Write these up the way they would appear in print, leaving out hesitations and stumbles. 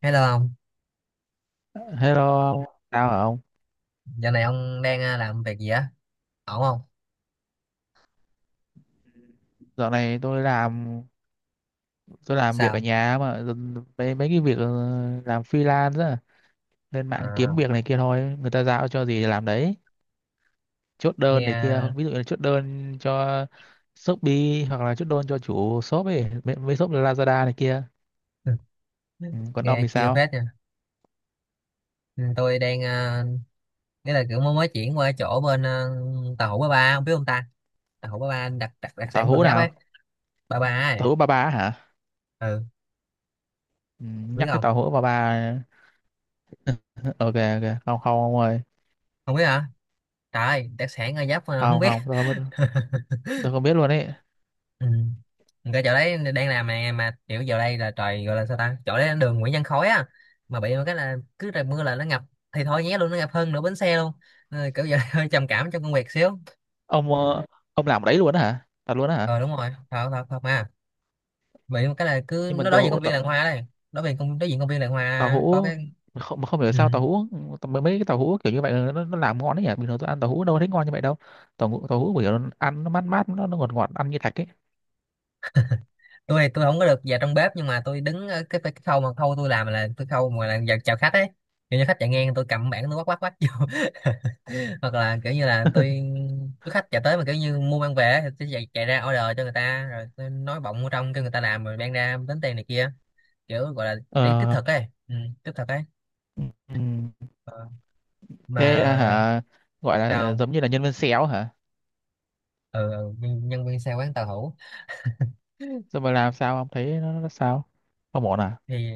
Hello ông, Hello ông, sao hả ông? giờ này ông đang làm việc gì á? Ổn không? Dạo này tôi làm việc ở Sao? nhà mà mấy mấy cái việc làm freelance á, lên mạng À, kiếm việc này kia thôi, người ta giao cho gì thì làm đấy. Chốt đơn này kia, nghe ví dụ như là chốt đơn cho Shopee hoặc là chốt đơn cho chủ shop ấy, mấy shop Lazada này kia. Ừ, còn ông nghe thì chiêu sao? phết nha. Ừ, tôi đang nghĩa là kiểu mới mới chuyển qua chỗ bên tàu hũ ba ba, ông biết không ta? Tàu hũ ba ba đặc đặc đặc Tàu sản Gò hũ Giáp nào? ấy, ba ba ấy. Tàu hũ ba ba hả? Ừ, Ừ, biết nhắc cái không? tàu hũ ba ba. Ok, ok, không không ông ơi, Không biết hả? Trời, ơi, đặc sản Gò Giáp mà không không biết. không tôi không biết, tôi không biết luôn ấy. Ừ. Cái chỗ đấy đang làm mà kiểu giờ đây là trời gọi là sao ta, chỗ đấy là đường Nguyễn Văn Khối á, mà bị một cái là cứ trời mưa là nó ngập thì thôi nhé luôn, nó ngập hơn nửa bến xe luôn. Kiểu giờ hơi trầm cảm trong công việc xíu. Ông ông làm ở đấy luôn á hả? Thật luôn á hả? Ờ Đúng rồi, thật thật thật mà, bị một cái là cứ Nhưng mà nó đối diện công viên làng hoa đây, đối diện công viên làng tàu hoa có hũ, cái. mà không, mà không hiểu Ừ. sao tàu hũ, mấy mấy cái tàu hũ kiểu như vậy là nó làm ngon đấy nhỉ. Bình thường tôi ăn tàu hũ đâu có thấy ngon như vậy đâu. Tàu hũ kiểu nó ăn nó mát mát, nó ngọt ngọt, ăn như thạch ấy. tôi không có được vào trong bếp, nhưng mà tôi đứng ở cái khâu mà khâu tôi làm là tôi khâu mà là vào chào khách ấy. Kiểu như khách chạy ngang tôi cầm bảng tôi quát quát quát vô. Hoặc là kiểu như là tôi khách chạy tới mà kiểu như mua mang về ấy, thì tôi chạy ra order cho người ta rồi tôi nói bọng vô trong cho người ta làm rồi mang ra tính tiền này kia, kiểu gọi là đi tích Ờ. thực ấy, ừ, tích thực ấy. ừm, Ờ, thế à, mà hả, gọi là sao? giống như là nhân viên xéo hả? Ừ, ừ, nhân nhân viên xe quán tàu hủ. Rồi mà làm sao không thấy nó sao, không ổn à? Thì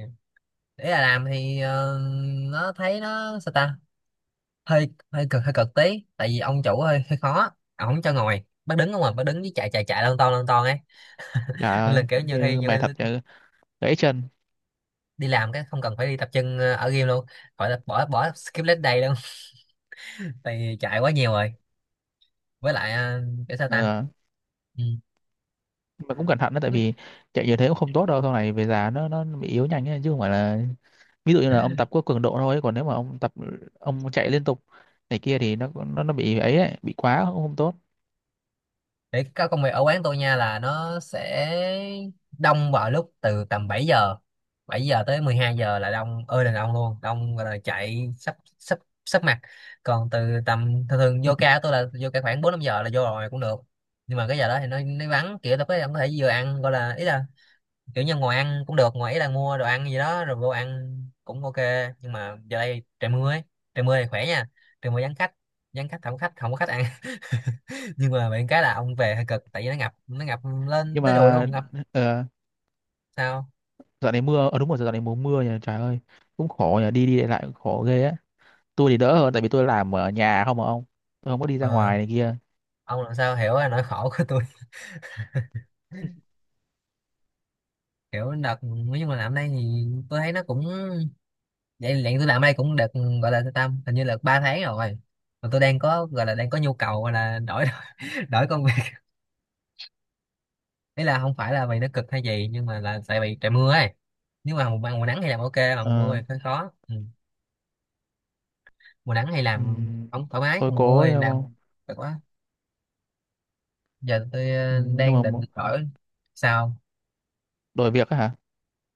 để là làm thì nó thấy nó sao ta, hơi hơi cực tí tại vì ông chủ hơi hơi khó, ông không cho ngồi bác đứng không mà bác đứng với chạy chạy chạy lon ton ấy. Trời Nên ơi, là kiểu nhiều mệt thật khi chứ, gãy chân. đi làm cái không cần phải đi tập trung ở game luôn, gọi là bỏ bỏ skip leg day luôn. Tại vì chạy quá nhiều rồi, với lại kiểu sao ta. Ờ, Ừ. nhưng mà cũng cẩn thận đó, tại vì chạy nhiều thế cũng không tốt đâu, sau này về già nó bị yếu nhanh ấy, chứ không phải là ví dụ như là ông tập có cường độ thôi. Còn nếu mà ông tập ông chạy liên tục này kia thì nó nó bị ấy, ấy bị quá cũng không tốt. Để các công việc ở quán tôi nha là nó sẽ đông vào lúc từ tầm 7 giờ tới 12 giờ là đông ơi là đông luôn, đông gọi là chạy sắp sắp sắp mặt. Còn từ tầm thường thường vô ca của tôi là vô ca khoảng 4-5 giờ là vô rồi cũng được. Nhưng mà cái giờ đó thì nó vắng, kiểu tôi có ông có thể vừa ăn gọi là ý là kiểu như ngồi ăn cũng được, ngồi ý là mua đồ ăn gì đó rồi vô ăn cũng ok. Nhưng mà giờ đây trời mưa ấy, trời mưa thì khỏe nha, trời mưa vắng khách, vắng khách không có khách, không có khách ăn. Nhưng mà bạn cái là ông về hơi cực tại vì nó ngập lên Nhưng tới đùi mà luôn ngập. ờ, Sao? dạo này mưa, ờ đúng rồi, dạo này mùa mưa nhỉ. Trời ơi, cũng khổ nhỉ, đi đi lại lại cũng khổ ghê á. Tôi thì đỡ hơn tại vì tôi làm ở nhà không mà ông, tôi không có đi ra ờ, ngoài này kia. ông làm sao hiểu là nỗi khổ của tôi. Hiểu đợt nói chung là làm đây thì tôi thấy nó cũng vậy vậy, tôi làm đây cũng được, gọi là tâm hình như là 3 tháng rồi, mà tôi đang có gọi là đang có nhu cầu gọi là đổi, đổi công việc. Ý là không phải là vì nó cực hay gì nhưng mà là tại vì trời mưa ấy, nếu mà mùa nắng thì làm ok, mà mùa mưa Ờ. thì hơi khó. Ừ. Mùa nắng thì làm Ừm, không thoải mái, tôi còn mùa cố mưa thì đấy làm không. cực quá. Giờ tôi Ừ, nhưng đang định mà đổi. Sao? đổi việc á hả?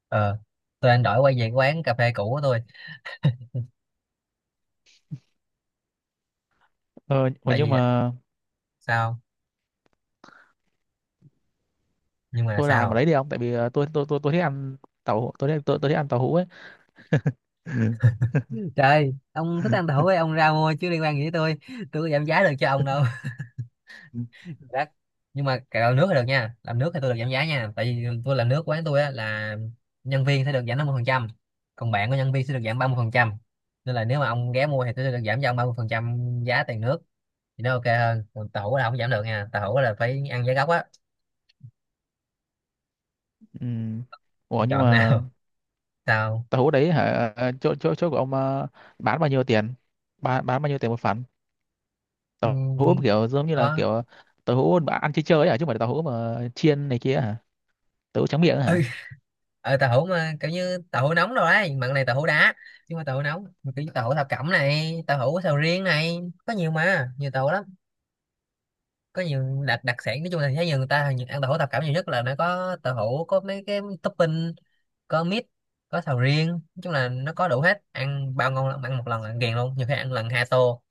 ờ tôi anh đổi quay về quán cà phê cũ của tôi, Ờ, mà tại nhưng vì... mà Sao? Nhưng mà tôi làm ở sao? đấy đi không, tại vì tôi tôi thích ăn tôi thích, tôi thích ăn tàu hũ ấy. Trời, ông thích ăn tàu hũ ấy, ông ra mua chứ liên quan gì tới tôi. Tôi có giảm giá được cho ông đâu. Ừ. Đắt. Nhưng mà cái làm nước thì được nha, làm nước thì tôi được giảm giá nha, tại vì tôi làm nước quán tôi á là nhân viên sẽ được giảm 50%, còn bạn của nhân viên sẽ được giảm 30%. Nên là nếu mà ông ghé mua thì tôi sẽ được giảm cho ông 30% giá tiền nước, thì nó ok hơn. Còn tàu hũ là không giảm được nha, tàu hũ là phải ăn giá gốc á. Ừ. Ủa nhưng Chọn mà nào? Sao? tàu hũ đấy hả, chỗ chỗ chỗ của ông bán bao nhiêu tiền, bán bao nhiêu tiền một phần, Ừ, tàu ừ, hũ kiểu giống như là có, kiểu tàu hũ mà ăn chơi chơi ấy hả, chứ không phải tàu hũ mà chiên này kia hả, tàu hũ trắng miệng ấy ừ, hả? Tàu hũ mà kiểu như tàu hũ nóng rồi đấy, mặn này, tàu hũ đá, nhưng mà tàu hũ nóng kiểu như tàu hũ thập cẩm này, tàu hũ sầu riêng này, có nhiều mà nhiều tàu lắm. Có nhiều đặc đặc sản, nói chung là thấy nhiều người ta hình như ăn tàu hũ thập cẩm nhiều nhất, là nó có tàu hũ, có mấy cái topping, có mít, có sầu riêng, nói chung là nó có đủ hết, ăn bao ngon lắm, ăn một lần là ăn ghiền luôn, nhiều khi ăn lần 2 tô.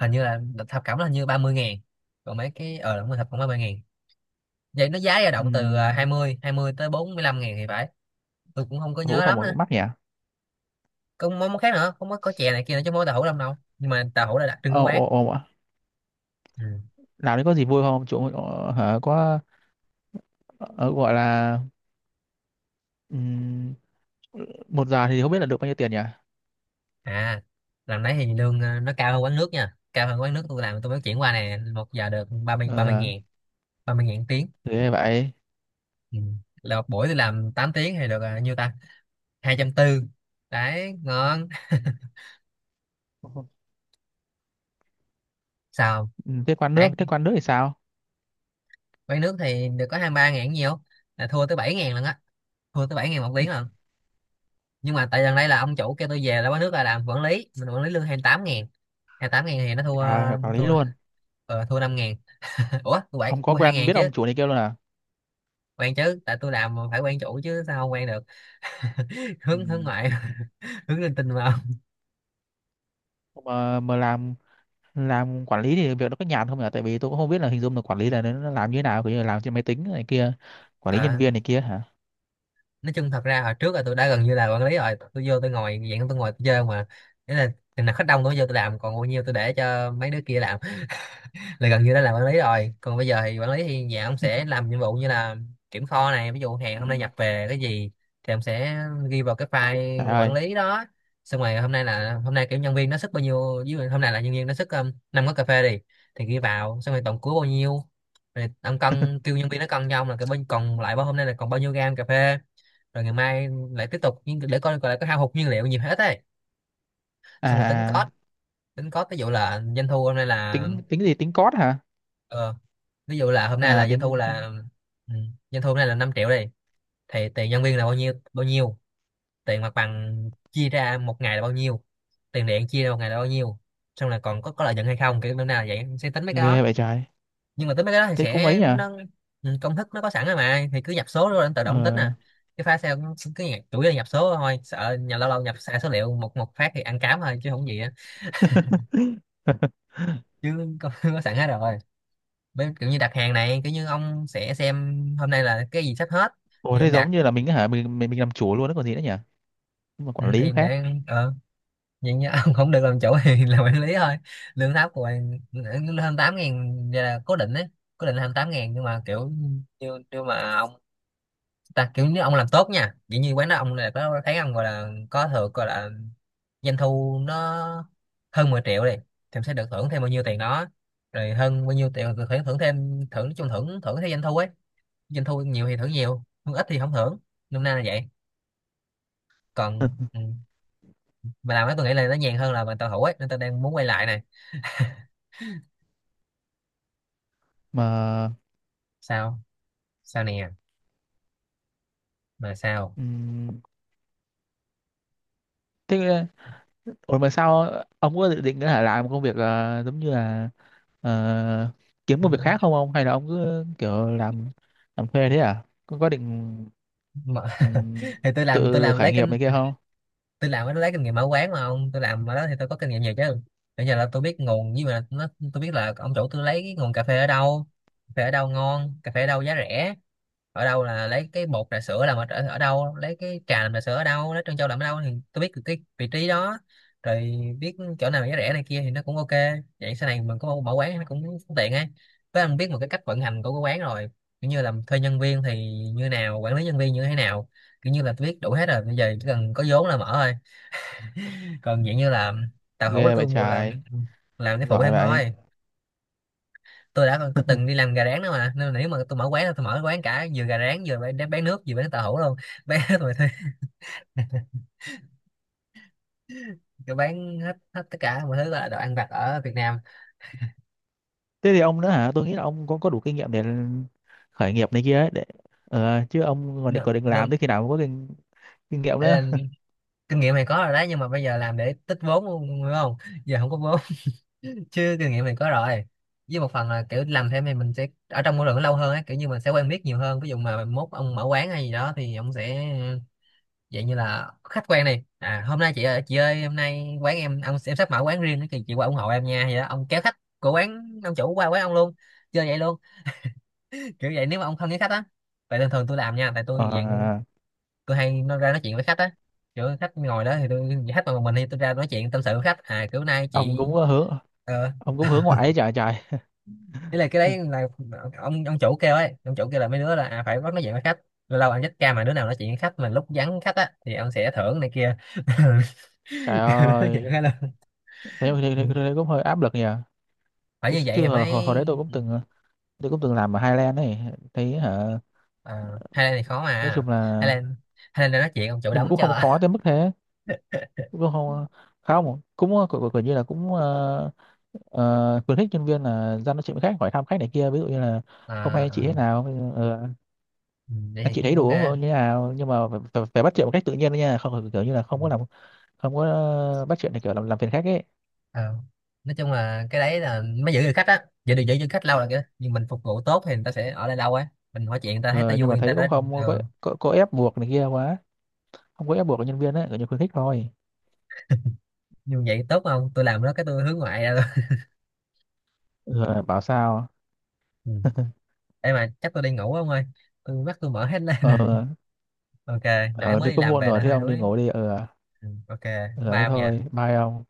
Hình như là thập cẩm là hình như 30 ngàn, còn mấy cái đúng rồi thập cẩm 30 ngàn, vậy nó giá dao Ừ. động từ hai mươi tới 45 ngàn thì phải. Tôi cũng không có Tàu hũ nhớ không lắm. mà cũng mắc nhỉ. Còn món món khác nữa, không có, có chè này kia nữa chứ, món tàu hủ lông đâu nhưng mà tàu hủ là đặc trưng của Ồ quán. ồ ồ ạ. Ừ. Làm đấy có gì vui không chỗ hả? Có ờ, gọi là ừm, một giờ thì không biết là được bao nhiêu tiền nhỉ? À, lần đấy thì lương nó cao hơn quán nước nha, cao hơn quán nước tôi làm, tôi mới chuyển qua này, một giờ được ba mươi Ờ ngàn 30 ngàn tiếng. thế vậy. Ừ. Là một buổi tôi làm 8 tiếng thì được nhiêu ta, 240, đấy ngon. Sao? Ừ, Tháng thế quán nước thì sao? quán nước thì được có 23 ngàn nhiều, là thua tới 7 ngàn lần á, thua tới 7 ngàn một Ừ. tiếng lần. Nhưng mà tại gần đây là ông chủ kêu tôi về là quán nước là làm quản lý, mình quản lý lương 28 ngàn, 28 ngàn thì nó thua, À, quản lý thua luôn. ờ, thua 5 ngàn. Ủa tôi bạn Không có tôi hai quen ngàn biết chứ. ông chủ này kia luôn à? Quen chứ, tại tôi làm mà phải quen chủ chứ, sao không quen được. Ừ. hướng hướng ngoại, hướng linh tinh mà không. Mà làm quản lý thì việc nó có nhàn không nhỉ? Tại vì tôi cũng không biết là hình dung là quản lý là nó làm như thế nào, kiểu như là làm trên máy tính này kia, quản lý nhân Ờ, viên này kia hả? nói chung thật ra hồi trước là tôi đã gần như là quản lý rồi, tôi vô tôi ngồi dạng, tôi ngồi tôi chơi mà, nghĩa là chừng nào khách đông tôi vô tôi làm, còn bao nhiêu tôi để cho mấy đứa kia làm, là gần như đã làm quản lý rồi. Còn bây giờ thì quản lý thì nhà ông sẽ làm nhiệm vụ như là kiểm kho này, ví dụ hàng Ừ. hôm nay nhập về cái gì, thì ông sẽ ghi vào cái Trời file quản ơi. lý đó. Xong rồi hôm nay là hôm nay kiểu nhân viên nó sức bao nhiêu, ví dụ hôm nay là nhân viên nó sức 5 cốc cà phê đi, thì ghi vào xong rồi tổng cuối bao nhiêu, rồi ông cân kêu nhân viên nó cân cho ông là cái bên còn lại bao hôm nay là còn bao nhiêu gam cà phê, rồi ngày mai lại tiếp tục, nhưng để coi coi là có hao hụt nhiên liệu nhiều hết ấy. Xong rồi tính À, à, cost, tính cost, ví dụ là doanh thu hôm nay là tính tính gì? Tính code hả? ờ, ví dụ là hôm nay À là doanh thu tính, là, tính... ừ, doanh thu hôm nay là 5 triệu đi, thì tiền nhân viên là bao nhiêu bao nhiêu, tiền mặt bằng chia ra một ngày là bao nhiêu, tiền điện chia ra một ngày là bao nhiêu, xong là còn có lợi nhuận hay không, kiểu bữa nào là vậy sẽ tính mấy cái đó. Ghê vậy trời. Nhưng mà tính mấy cái đó thì Thế cũng mấy sẽ nhỉ? nó, ừ, công thức nó có sẵn rồi mà, thì cứ nhập số rồi anh tự động tính Ờ. à. Cái file Excel nó cứ nhập, chủ yếu là nhập số thôi, sợ nhà lâu lâu nhập sai số liệu một một phát thì ăn cám thôi chứ không gì á, chứ có, có sẵn hết rồi. Với kiểu như đặt hàng này, kiểu như ông sẽ xem hôm nay là cái gì sắp hết Ủa thì thế em đặt. giống như là mình hả, mình làm chủ luôn đó còn gì nữa nhỉ? Nhưng mà Ừ, quản lý thì khác. để vậy nha, ông không được làm chủ thì làm quản lý thôi, lương thấp của bạn hơn 8 ngàn là cố định đấy, cố định là hơn 8 ngàn, nhưng mà kiểu như nhưng mà ông ta kiểu như ông làm tốt nha, dĩ như quán đó ông là có thấy ông gọi là có thưởng, gọi là doanh thu nó hơn 10 triệu đi thì ông sẽ được thưởng thêm bao nhiêu tiền đó, rồi hơn bao nhiêu tiền được thưởng Thưởng thêm, thưởng nói chung thưởng thưởng theo doanh thu ấy. Doanh thu nhiều thì thưởng nhiều, thưởng ít thì không thưởng. Năm nay là vậy. Còn ừ. Mà làm đó tôi nghĩ là nó nhàn hơn là mà tàu hủ ấy, nên tôi đang muốn quay lại này. Mà Sao? Sao nè? Mà sao? ừm, thế, Ủa mà sao ông có dự định nữa là làm một công việc giống như là ờ, kiếm Ừ, một việc khác không ông, hay là ông cứ kiểu làm thuê thế à? Có định mà... ừm, Thì tôi làm tôi tự làm khởi lấy nghiệp kinh, này kia không? tôi làm nó lấy kinh nghiệm mở quán. Mà ông tôi làm ở đó thì tôi có kinh nghiệm nhiều chứ. Bây giờ là tôi biết nguồn, nhưng mà nó, tôi biết là ông chủ tôi lấy cái nguồn cà phê ở đâu, cà phê ở đâu ngon, cà phê ở đâu giá rẻ, ở đâu là lấy cái bột trà sữa làm ở, ở ở đâu, lấy cái trà làm trà sữa ở đâu, lấy trân châu làm ở đâu, thì tôi biết được cái vị trí đó rồi. Biết chỗ nào giá rẻ này kia thì nó cũng ok. Vậy sau này mình có mở quán nó cũng tiện ấy. Với anh biết một cái cách vận hành của cái quán rồi, kiểu như là thuê nhân viên thì như nào, quản lý nhân viên như thế nào. Kiểu như là tôi biết đủ hết rồi, bây giờ chỉ cần có vốn là mở thôi. Còn vậy như là tàu hũ là Ghê tôi vậy mua là trời, làm cái phụ giỏi em vậy. thôi. Tôi đã có từng đi làm gà rán đó mà, nên là nếu mà tôi mở quán là tôi mở quán cả vừa gà rán vừa bán nước, vừa bán tàu hũ luôn. Bán hết mọi thứ. Tôi bán hết, hết tất cả mọi thứ là đồ ăn vặt ở Việt Nam. Thế thì ông nữa hả? Tôi nghĩ là ông có đủ kinh nghiệm để khởi nghiệp này kia ấy, để chứ ông còn định, nên, còn định nên làm tới khi nào mới có kinh, kinh nghiệm ấy nữa. là kinh nghiệm này có rồi đấy, nhưng mà bây giờ làm để tích vốn luôn đúng không. Giờ không có vốn. Chứ kinh nghiệm này có rồi. Với một phần là kiểu làm thêm thì mình sẽ ở trong môi trường nó lâu hơn á, kiểu như mình sẽ quen biết nhiều hơn. Ví dụ mà mốt ông mở quán hay gì đó thì ông sẽ vậy, như là khách quen này à, hôm nay chị ơi, chị ơi hôm nay quán em, ông em sắp mở quán riêng thì chị qua ủng hộ em nha, vậy đó. Ông kéo khách của quán ông chủ qua quán ông luôn. Chơi vậy luôn. Kiểu vậy. Nếu mà ông không với khách á. Tại thường thường tôi làm nha, tại tôi dạng Ờ, tôi hay nó ra nói chuyện với khách á. Kiểu khách ngồi đó thì tôi, khách mà một mình thì tôi ra nói chuyện tâm sự với khách à, kiểu nay chị ông cũng có hướng, ờ. ông cũng hướng ngoại ấy, trời trời. Ý là cái đấy là ông chủ kêu ấy, ông chủ kêu là mấy đứa là phải bắt nói chuyện với khách. Lâu lâu anh chết ca mà đứa nào nói chuyện với khách mà lúc vắng khách á thì ông sẽ thưởng này kia. Trời Kêu nó nói ơi, chuyện với khách luôn. Ừ, thế cũng hơi áp lực nhỉ. phải Tôi như vậy chưa thì mới. Hồi đấy tôi cũng Ừ. từng tôi cũng từng làm ở Highland ấy, thấy hả, À, Highland thì khó nói mà. chung là, Highland, Highland đang nói chuyện ông chủ nhưng mà đóng cũng không cho. khó tới mức thế, cũng không, không, cũng cũng cũng như là cũng khuyến khích nhân viên là ra nói chuyện với khách, hỏi thăm khách này kia, ví dụ như là hôm À, nay chị thế à, nào, ừ, vậy anh thì chị thấy cũng đồ ok á. uống như thế nào, nhưng mà phải bắt chuyện một cách tự nhiên đấy nha, không phải kiểu như là Ừ. không có làm, không có bắt chuyện thì kiểu làm phiền khách ấy. Ờ, nói chung là cái đấy là mới giữ được khách á, giữ được khách lâu là cái nhưng mình phục vụ tốt thì người ta sẽ ở lại lâu á. Mình hỏi chuyện người ta thấy ta Ờ, nhưng vui mà người ta thấy cũng đã. không có, Ờ, có ép buộc này kia quá, không có ép buộc nhân viên ấy, kiểu như khuyến khích thôi. như vậy tốt không, tôi làm đó cái tôi hướng ngoại ra luôn. Ờ, bảo sao. Ừ. Ê, mà chắc tôi đi ngủ không ơi, tôi mắt tôi mở hết lên rồi. Ờ, Ok. Nãy ờ mới đi đi cũng làm muộn về rồi, nên thế hơi ông đi đuối. ngủ đi. Ờ, Ừ. Ok. ờ Bye thế ông nha. thôi, bye ông.